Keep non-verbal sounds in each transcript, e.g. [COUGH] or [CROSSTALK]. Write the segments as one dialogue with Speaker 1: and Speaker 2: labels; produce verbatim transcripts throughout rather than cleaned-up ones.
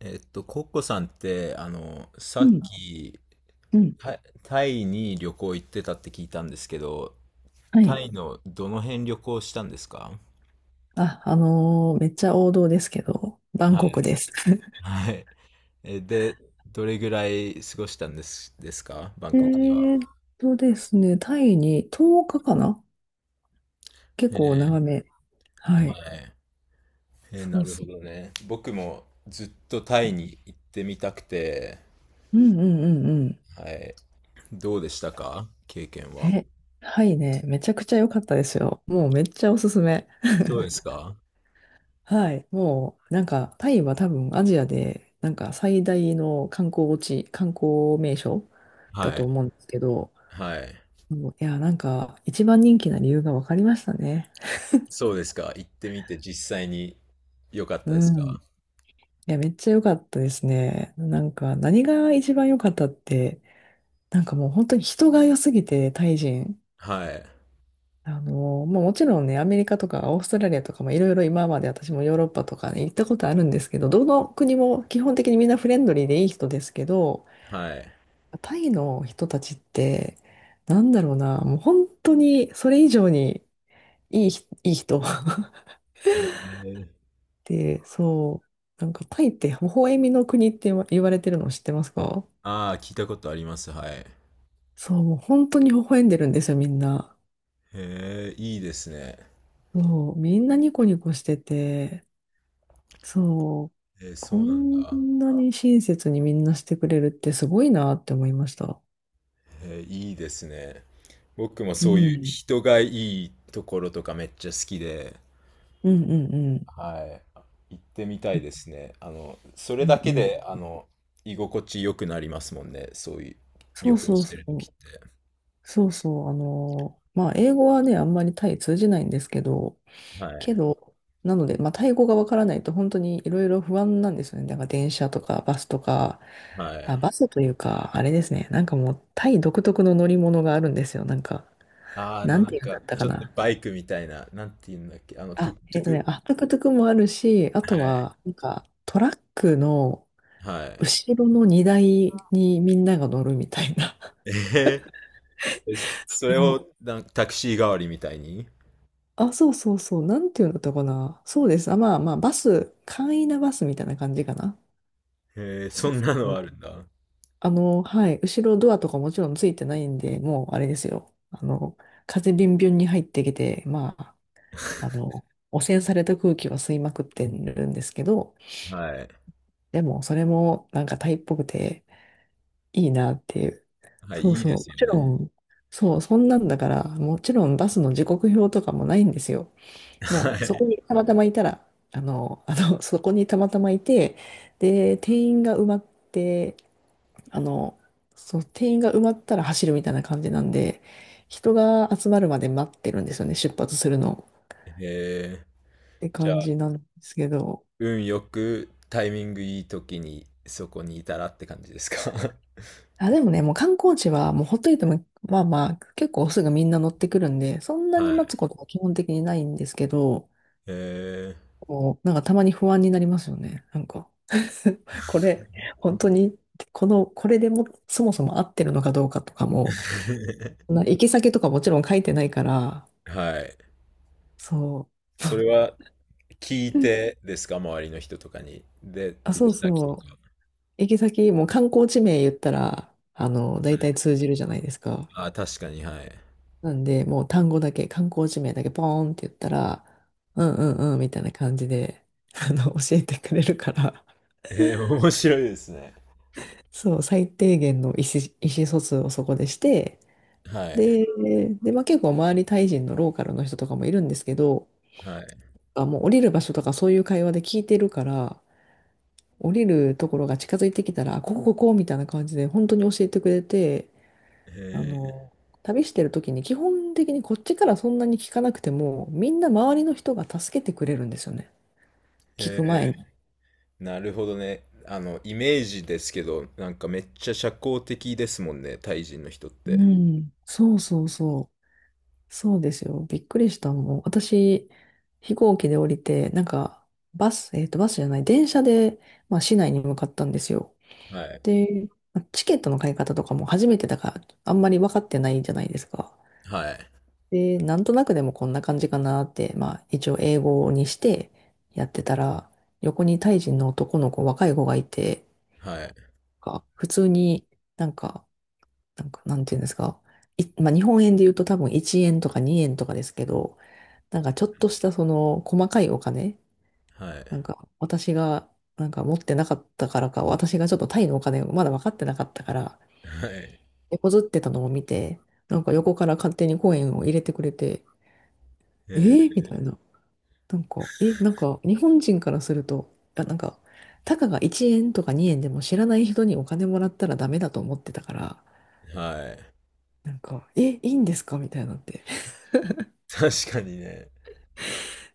Speaker 1: えっと、コッコさんって、あの、さ
Speaker 2: う
Speaker 1: っ
Speaker 2: ん、
Speaker 1: き、
Speaker 2: うん、
Speaker 1: タタイに旅行行ってたって聞いたんですけど、
Speaker 2: は
Speaker 1: タ
Speaker 2: い。
Speaker 1: イのどの辺旅行したんですか？
Speaker 2: あ、あのーめっちゃ王道ですけど、バン
Speaker 1: は
Speaker 2: コク
Speaker 1: い。
Speaker 2: です。[LAUGHS]
Speaker 1: はい。え、で、どれぐらい過ごしたんです、ですか、バン
Speaker 2: え
Speaker 1: コクでは？
Speaker 2: ーっとですね、タイにとおかかかかな、結
Speaker 1: へえ、
Speaker 2: 構長め。は
Speaker 1: は
Speaker 2: い。
Speaker 1: い。へえ、
Speaker 2: そ
Speaker 1: な
Speaker 2: う
Speaker 1: る
Speaker 2: そ
Speaker 1: ほどね。僕もずっとタ
Speaker 2: う。
Speaker 1: イに行ってみたくて、
Speaker 2: うんうんうんうん。
Speaker 1: はい。どうでしたか、経験は？
Speaker 2: え、はいね、めちゃくちゃ良かったですよ。もうめっちゃおすすめ。
Speaker 1: そうですか？
Speaker 2: はい。もう、なんか、タイは多分アジアで、なんか最大の観光地、観光名所だ
Speaker 1: は
Speaker 2: と
Speaker 1: い。
Speaker 2: 思うんですけど、
Speaker 1: はい。
Speaker 2: もういや、なんか、一番人気な理由が分かりましたね。
Speaker 1: そうですか。行ってみて実際に良かっ
Speaker 2: う
Speaker 1: たです
Speaker 2: ん。い
Speaker 1: か？
Speaker 2: や、めっちゃ良かったですね。なんか、何が一番良かったって、なんかもう本当に人が良すぎて、タイ人。
Speaker 1: はい。
Speaker 2: あの、まあもちろんね、アメリカとかオーストラリアとかもいろいろ今まで私もヨーロッパとかに行ったことあるんですけど、どの国も基本的にみんなフレンドリーでいい人ですけど、
Speaker 1: はい。
Speaker 2: タイの人たちって、なんだろうな、もう本当にそれ以上にいいひ、いい人。[LAUGHS]
Speaker 1: えー、
Speaker 2: で、そう、なんかタイって微笑みの国って言わ言われてるの知ってますか？
Speaker 1: ああ、聞いたことあります。はい。へ
Speaker 2: そう、もう本当に微笑んでるんですよ、みんな。
Speaker 1: え、いいですね。
Speaker 2: そう、みんなニコニコしてて、そう、
Speaker 1: えー、
Speaker 2: こ
Speaker 1: そうなん
Speaker 2: ん
Speaker 1: だ。
Speaker 2: なに親切にみんなしてくれるってすごいなって思いました。
Speaker 1: えー、いいですね。僕も
Speaker 2: う
Speaker 1: そういう
Speaker 2: ん。
Speaker 1: 人がいいところとかめっちゃ好きで、
Speaker 2: うんうんうん。
Speaker 1: はい。行ってみたい
Speaker 2: え
Speaker 1: ですね。あの、そ
Speaker 2: う
Speaker 1: れだ
Speaker 2: ん
Speaker 1: け
Speaker 2: うん。
Speaker 1: で、あの、居心地良くなりますもんね。そういう
Speaker 2: そ
Speaker 1: 旅
Speaker 2: う
Speaker 1: 行
Speaker 2: そう
Speaker 1: して
Speaker 2: そ
Speaker 1: る時っ
Speaker 2: う。
Speaker 1: て。
Speaker 2: そうそう。あのーまあ、英語はね、あんまりタイ通じないんですけど、
Speaker 1: はい。
Speaker 2: けど、なので、まあ、タイ語がわからないと本当にいろいろ不安なんですよね。だから電車とかバスとか、
Speaker 1: は
Speaker 2: あ、
Speaker 1: い。
Speaker 2: バスというか、あれですね。なんかもうタイ独特の乗り物があるんですよ。なんか、
Speaker 1: あー、あ
Speaker 2: な
Speaker 1: の、
Speaker 2: ん
Speaker 1: な
Speaker 2: て
Speaker 1: ん
Speaker 2: いうんだ
Speaker 1: か、
Speaker 2: ったか
Speaker 1: ちょっと
Speaker 2: な。
Speaker 1: バイクみたいな、なんて言うんだっけ、あの、トゥ
Speaker 2: あ、
Speaker 1: ク
Speaker 2: え
Speaker 1: トゥ
Speaker 2: っとね、
Speaker 1: ク。
Speaker 2: あ、トゥクトゥクもあるし、あ
Speaker 1: は
Speaker 2: と
Speaker 1: い。
Speaker 2: は、なんかトラックの
Speaker 1: はい。
Speaker 2: 後ろの荷台にみんなが乗るみたいな。
Speaker 1: えー、
Speaker 2: [LAUGHS]
Speaker 1: それ
Speaker 2: もう、
Speaker 1: をなんかタクシー代わりみたいに。
Speaker 2: あ、そうそうそう。なんていうんだったかな。そうです。あ、まあまあ、バス、簡易なバスみたいな感じかな。
Speaker 1: えー、そ
Speaker 2: そ
Speaker 1: んなのある
Speaker 2: う。
Speaker 1: んだ。
Speaker 2: あの、はい、後ろドアとかもちろんついてないんで、もうあれですよ。あの、風ビュンビュンに入ってきて、まあ、あの、汚染された空気は吸いまくってるんですけど、
Speaker 1: はい。
Speaker 2: でもそれもなんかタイっぽくていいなっていう。
Speaker 1: はい、
Speaker 2: そう
Speaker 1: いい
Speaker 2: そう。
Speaker 1: です
Speaker 2: も
Speaker 1: よ
Speaker 2: ち
Speaker 1: ね。
Speaker 2: ろん、そう、そんなんだから、もちろんバスの時刻表とかもないんですよ。も
Speaker 1: は
Speaker 2: うそ
Speaker 1: い。
Speaker 2: こにたまたまいたら、あの、あの、[LAUGHS] そこにたまたまいて、で、定員が埋まって、あの、そう、定員が埋まったら走るみたいな感じなんで、人が集まるまで待ってるんですよね、出発するのを。
Speaker 1: え
Speaker 2: って
Speaker 1: ー、じゃ
Speaker 2: 感じな
Speaker 1: あ、
Speaker 2: んですけど。
Speaker 1: 運よくタイミングいい時にそこにいたらって感じですか？[LAUGHS]
Speaker 2: あ、でもね、もう観光地はもうほっといても、まあまあ、結構すぐみんな乗ってくるんで、そんな
Speaker 1: は
Speaker 2: に
Speaker 1: い。
Speaker 2: 待つことは基本的にないんですけど、
Speaker 1: えー、
Speaker 2: もう、なんかたまに不安になりますよね。なんか [LAUGHS] これ、本当に、この、これでも、そもそも合ってるのかどうかとかも、そんな行き先とかもちろん書いてないから、
Speaker 1: [LAUGHS] はい。
Speaker 2: そ
Speaker 1: それは聞い
Speaker 2: う。うん
Speaker 1: てですか、周りの人とかに。で、
Speaker 2: [LAUGHS] あ、
Speaker 1: 行
Speaker 2: そう
Speaker 1: き先
Speaker 2: そ
Speaker 1: と
Speaker 2: う。
Speaker 1: か。
Speaker 2: 行き先、もう観光地名言ったら、あの、大体通じるじゃないですか。
Speaker 1: ああ、確かに、はい。
Speaker 2: なんで、もう単語だけ、観光地名だけポーンって言ったら、うんうんうんみたいな感じで、あの、教えてくれるから、
Speaker 1: えー、面白いですね。
Speaker 2: そう、最低限の意思、意思疎通をそこでして、
Speaker 1: はい。
Speaker 2: で、で、まあ、結構周りタイ人のローカルの人とかもいるんですけど、
Speaker 1: はい。
Speaker 2: あ、もう降りる場所とかそういう会話で聞いてるから、降りるところが近づいてきたら、あここここみたいな感じで本当に教えてくれて、あ
Speaker 1: え
Speaker 2: の、旅してる時に基本的にこっちからそんなに聞かなくても、みんな周りの人が助けてくれるんですよね。聞
Speaker 1: ー、
Speaker 2: く前に。
Speaker 1: えー、なるほどね。あの、イメージですけど、なんかめっちゃ社交的ですもんね、タイ人の人っ
Speaker 2: う
Speaker 1: て。
Speaker 2: ん。そうそうそう。そうですよ。びっくりしたもん。私、飛行機で降りて、なんか、バス、えっと、バスじゃない、電車で、まあ、市内に向かったんですよ。
Speaker 1: はい。
Speaker 2: で、まあチケットの買い方とかも初めてだから、あんまり分かってないじゃないですか。
Speaker 1: はい。
Speaker 2: で、なんとなくでもこんな感じかなって、まあ、一応英語にしてやってたら、横にタイ人の男の子、若い子がいて、
Speaker 1: はい。
Speaker 2: が普通になんか、なんか、なんていうんですか。い、まあ、日本円で言うと多分いちえんとかにえんとかですけど、なんかちょっとしたその細かいお金、
Speaker 1: はい。
Speaker 2: なんか私がなんか持ってなかったからか、私がちょっとタイのお金をまだ分かってなかったから、
Speaker 1: はい。
Speaker 2: 手こずってたのを見て、なんか横から勝手にコインを入れてくれて、えー、
Speaker 1: え
Speaker 2: みたいな。なんか、え、なんか日本人からすると、あ、なんか、たかがいちえんとかにえんでも知らない人にお金もらったらダメだと思ってたから、
Speaker 1: ー、はい。
Speaker 2: なんか、え、いいんですかみたいなって。[LAUGHS]
Speaker 1: 確かにね。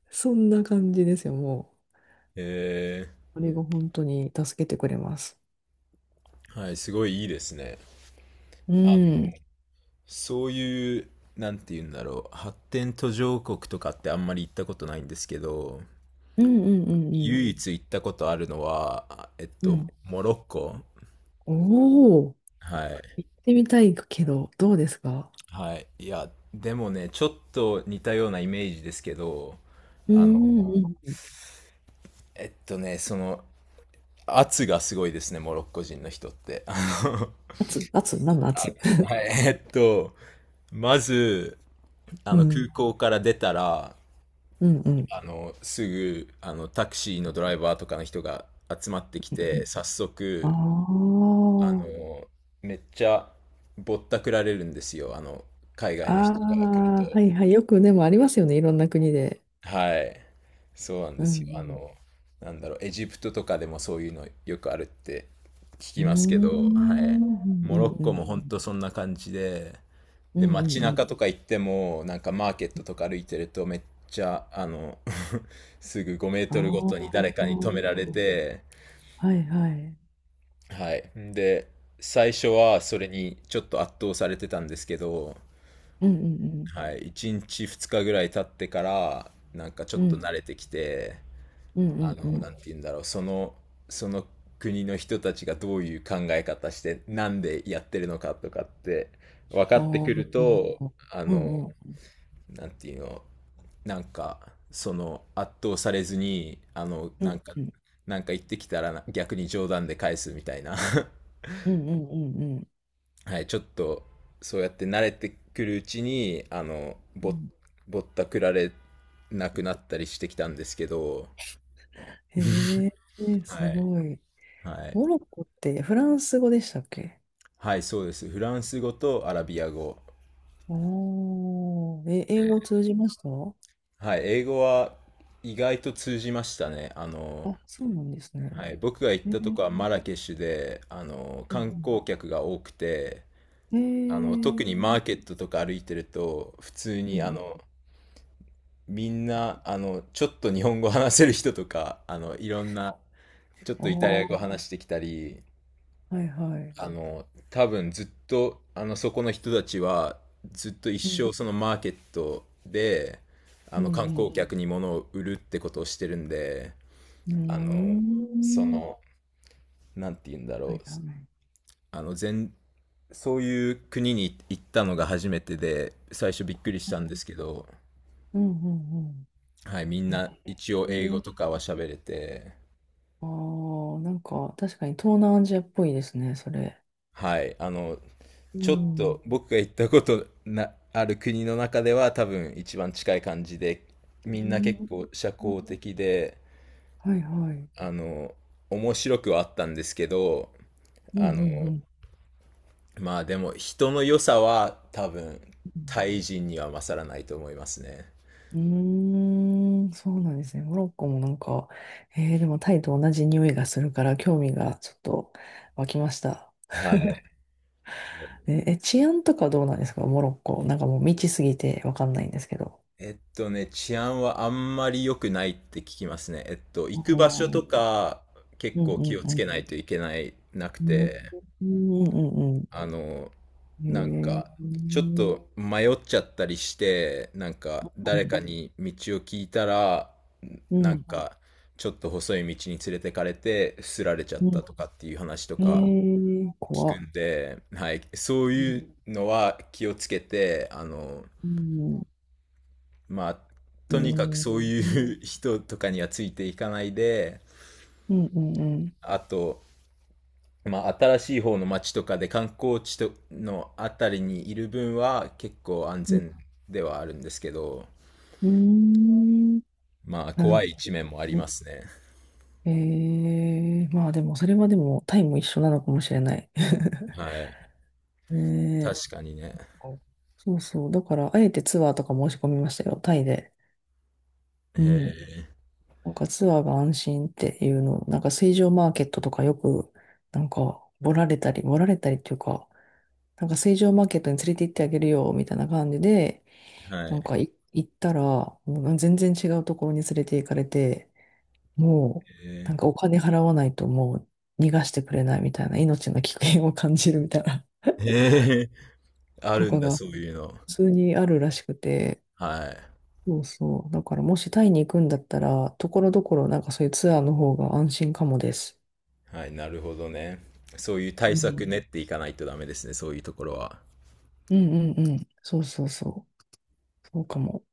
Speaker 2: そんな感じですよ、も
Speaker 1: え
Speaker 2: う。あれが本当に助けてくれます。
Speaker 1: ー、はい、すごいいいですね。
Speaker 2: う
Speaker 1: あの、
Speaker 2: ん。
Speaker 1: そういう、なんて言うんだろう、発展途上国とかってあんまり行ったことないんですけど、
Speaker 2: うんうんうん
Speaker 1: 唯一行ったことあるのは、えっ
Speaker 2: うん。う
Speaker 1: と、
Speaker 2: ん。
Speaker 1: モロッコ。
Speaker 2: おお、
Speaker 1: はい。
Speaker 2: 行ってみたいけど、どうですか？
Speaker 1: はい。いや、でもね、ちょっと似たようなイメージですけど、
Speaker 2: う
Speaker 1: あ
Speaker 2: ん
Speaker 1: の、
Speaker 2: うんうん。
Speaker 1: えっとね、その、圧がすごいですね、モロッコ人の人って。あの
Speaker 2: 圧圧何の圧？
Speaker 1: 圧、はい。えっと、まず、あ
Speaker 2: う
Speaker 1: の、空
Speaker 2: ん。
Speaker 1: 港から出たら、
Speaker 2: うんうん。
Speaker 1: あの、すぐ、あの、タクシーのドライバーとかの人が集まってき
Speaker 2: うん、
Speaker 1: て、早速、
Speaker 2: あ
Speaker 1: あの、めっちゃぼったくられるんですよ。あの、海
Speaker 2: あ。
Speaker 1: 外
Speaker 2: あ
Speaker 1: の人から来ると。
Speaker 2: あ、はいはい。よくでもありますよね。いろんな国で。
Speaker 1: はい。そうなん
Speaker 2: う
Speaker 1: ですよ。あ
Speaker 2: ん
Speaker 1: の、なんだろう、エジプトとかでもそういうのよくあるって聞
Speaker 2: う
Speaker 1: きますけ
Speaker 2: ん。うー
Speaker 1: ど、はい。
Speaker 2: ん。う
Speaker 1: モロ
Speaker 2: ん
Speaker 1: ッ
Speaker 2: うんう
Speaker 1: コも本
Speaker 2: ん。
Speaker 1: 当そんな感じで、
Speaker 2: う
Speaker 1: で、
Speaker 2: んうん
Speaker 1: 街
Speaker 2: うん。
Speaker 1: 中とか行っても、なんかマーケットとか歩いてると、めっちゃ、あの、[LAUGHS] すぐ5メー
Speaker 2: あ
Speaker 1: トルごとに
Speaker 2: あ。
Speaker 1: 誰かに止められて、
Speaker 2: はいはい。
Speaker 1: はい。で、最初はそれにちょっと圧倒されてたんですけど、
Speaker 2: うんうん
Speaker 1: はい、いちにちふつかぐらい経ってから、なんかちょ
Speaker 2: う
Speaker 1: っ
Speaker 2: ん。う
Speaker 1: と
Speaker 2: ん
Speaker 1: 慣れてきて、
Speaker 2: うんう
Speaker 1: あ
Speaker 2: んう
Speaker 1: の、
Speaker 2: ん。
Speaker 1: なんて言うんだろう、その、その国の人たちがどういう考え方して、なんでやってるのかとかって分かってくる
Speaker 2: あ
Speaker 1: と、
Speaker 2: あ。
Speaker 1: あ
Speaker 2: う
Speaker 1: の、
Speaker 2: んうん
Speaker 1: なんていうの、なんか、その圧倒されずに、あの、
Speaker 2: う
Speaker 1: なん
Speaker 2: ん。
Speaker 1: か、
Speaker 2: うん
Speaker 1: なんか言ってきたらな逆に冗談で返すみたいな [LAUGHS]
Speaker 2: うんうんうんうん
Speaker 1: はい、ちょっと、そうやって慣れてくるうちに、あの、
Speaker 2: う
Speaker 1: ぼ、
Speaker 2: ん。
Speaker 1: ぼったくられなくなったりしてきたんですけど、
Speaker 2: へえ、
Speaker 1: は
Speaker 2: す
Speaker 1: い。
Speaker 2: ごい。
Speaker 1: はい。
Speaker 2: モロッコってフランス語でしたっけ？
Speaker 1: はい、そうです。フランス語とアラビア語。
Speaker 2: おー、え、英語通じました？
Speaker 1: はい、英語は意外と通じましたね。あの、
Speaker 2: あ、そうなんですね。
Speaker 1: はい。僕が行
Speaker 2: え
Speaker 1: ったとこは
Speaker 2: ー、
Speaker 1: マラケシュで、あの、
Speaker 2: う
Speaker 1: 観
Speaker 2: ん
Speaker 1: 光客が多くて、
Speaker 2: う
Speaker 1: あの、
Speaker 2: ん。え
Speaker 1: 特にマ
Speaker 2: ー、
Speaker 1: ーケットとか歩いてると、普通
Speaker 2: う
Speaker 1: にあ
Speaker 2: ん。
Speaker 1: の、みんな、あの、ちょっと日本語話せる人とか、あの、いろんな、ちょっとイタリア語
Speaker 2: あ
Speaker 1: 話してきたり、
Speaker 2: あ、はいはい。
Speaker 1: あの、多分ずっと、あの、そこの人たちは、ずっと一
Speaker 2: うん、
Speaker 1: 生そのマーケットで、あ
Speaker 2: う
Speaker 1: の、観光
Speaker 2: ん、
Speaker 1: 客に物を売るってことをしてるんで、
Speaker 2: うん。
Speaker 1: あの、そ
Speaker 2: うーん。
Speaker 1: の、なんて言うんだ
Speaker 2: は
Speaker 1: ろ
Speaker 2: い
Speaker 1: う、
Speaker 2: はい。
Speaker 1: あの、全、そういう国に行ったのが初めてで、最初びっくりし
Speaker 2: う
Speaker 1: たんで
Speaker 2: ん、
Speaker 1: すけど、
Speaker 2: うん、うん。
Speaker 1: はい、みん
Speaker 2: え
Speaker 1: な一応英語
Speaker 2: ー、
Speaker 1: とかは喋れて、
Speaker 2: あー、なんか確かに東南アジアっぽいですね、それ。
Speaker 1: はい。あの、
Speaker 2: う
Speaker 1: ちょっ
Speaker 2: ん。
Speaker 1: と僕が行ったことな、ある国の中では多分一番近い感じで、み
Speaker 2: う
Speaker 1: んな結
Speaker 2: ん、
Speaker 1: 構社交的で、
Speaker 2: はいはい。
Speaker 1: あの、面白くはあったんですけど、
Speaker 2: うん、う
Speaker 1: あの、
Speaker 2: ん、う
Speaker 1: まあでも人の良さは多分
Speaker 2: ん。
Speaker 1: タイ人には勝らないと思いますね。
Speaker 2: うーん、そうなんですね。モロッコもなんか、えーでもタイと同じ匂いがするから興味がちょっと湧きました。
Speaker 1: はい。
Speaker 2: え、え、治安とかどうなんですかモロッコ？なんかもう未知すぎてわかんないんですけど。
Speaker 1: えっとね、治安はあんまり良くないって聞きますね。えっと、
Speaker 2: お
Speaker 1: 行く場所
Speaker 2: ー、
Speaker 1: とか結
Speaker 2: うん
Speaker 1: 構
Speaker 2: うん
Speaker 1: 気を
Speaker 2: う
Speaker 1: つ
Speaker 2: ん。
Speaker 1: けないといけない、なく
Speaker 2: うん
Speaker 1: て。
Speaker 2: うんうん
Speaker 1: あの、
Speaker 2: う
Speaker 1: なん
Speaker 2: ん。へえ。
Speaker 1: か、
Speaker 2: う
Speaker 1: ちょっ
Speaker 2: ん
Speaker 1: と迷っちゃったりして、なんか、誰かに道を聞いたら、
Speaker 2: う
Speaker 1: なん
Speaker 2: ん
Speaker 1: か、ちょっと細い道に連れてかれて、すられちゃっ
Speaker 2: う
Speaker 1: たとかっていう話と
Speaker 2: ん。
Speaker 1: か
Speaker 2: へえ、
Speaker 1: 聞
Speaker 2: 怖
Speaker 1: く
Speaker 2: っ。
Speaker 1: んで、はい、そう
Speaker 2: うん
Speaker 1: いうのは気をつけて、あの、
Speaker 2: うん、
Speaker 1: まあ、
Speaker 2: へ
Speaker 1: とにかく
Speaker 2: え、
Speaker 1: そういう人とかにはついていかないで、
Speaker 2: うんうんうん。
Speaker 1: あと、まあ、新しい方の町とかで観光地とのあたりにいる分は結構安
Speaker 2: うん、
Speaker 1: 全ではあるんですけど、
Speaker 2: うーん、
Speaker 1: まあ、
Speaker 2: なるほ
Speaker 1: 怖い一面もあり
Speaker 2: どね。
Speaker 1: ますね。
Speaker 2: ええ、まあでも、それはでも、タイも一緒なのかもしれない。[LAUGHS]
Speaker 1: はい。
Speaker 2: ねえ。
Speaker 1: 確かにね。
Speaker 2: そうそう。だから、あえてツアーとか申し込みましたよ、タイで。う
Speaker 1: へ
Speaker 2: ん。なんかツアーが安心っていうの、なんか水上マーケットとかよく、なんか、ボラれたり、ボラれたりっていうか、なんか水上マーケットに連れて行ってあげるよ、みたいな感じで、
Speaker 1: え、は
Speaker 2: なん
Speaker 1: い。
Speaker 2: かい行ったら、もう全然違うところに連れて行かれて、も
Speaker 1: へ
Speaker 2: う、なんかお金払わないともう逃がしてくれないみたいな、命の危険を感じるみたいな、
Speaker 1: え、へえ、
Speaker 2: [LAUGHS]
Speaker 1: あ
Speaker 2: と
Speaker 1: るん
Speaker 2: か
Speaker 1: だ、
Speaker 2: が
Speaker 1: そういうの。
Speaker 2: 普通にあるらしくて、
Speaker 1: はい。
Speaker 2: そうそう。だからもしタイに行くんだったら、ところどころなんかそういうツアーの方が安心かもです。
Speaker 1: はい、なるほどね。そういう対
Speaker 2: うん。
Speaker 1: 策練っていかないとダメですね、そういうところは。
Speaker 2: うんうんうん。そうそうそう。そうかも。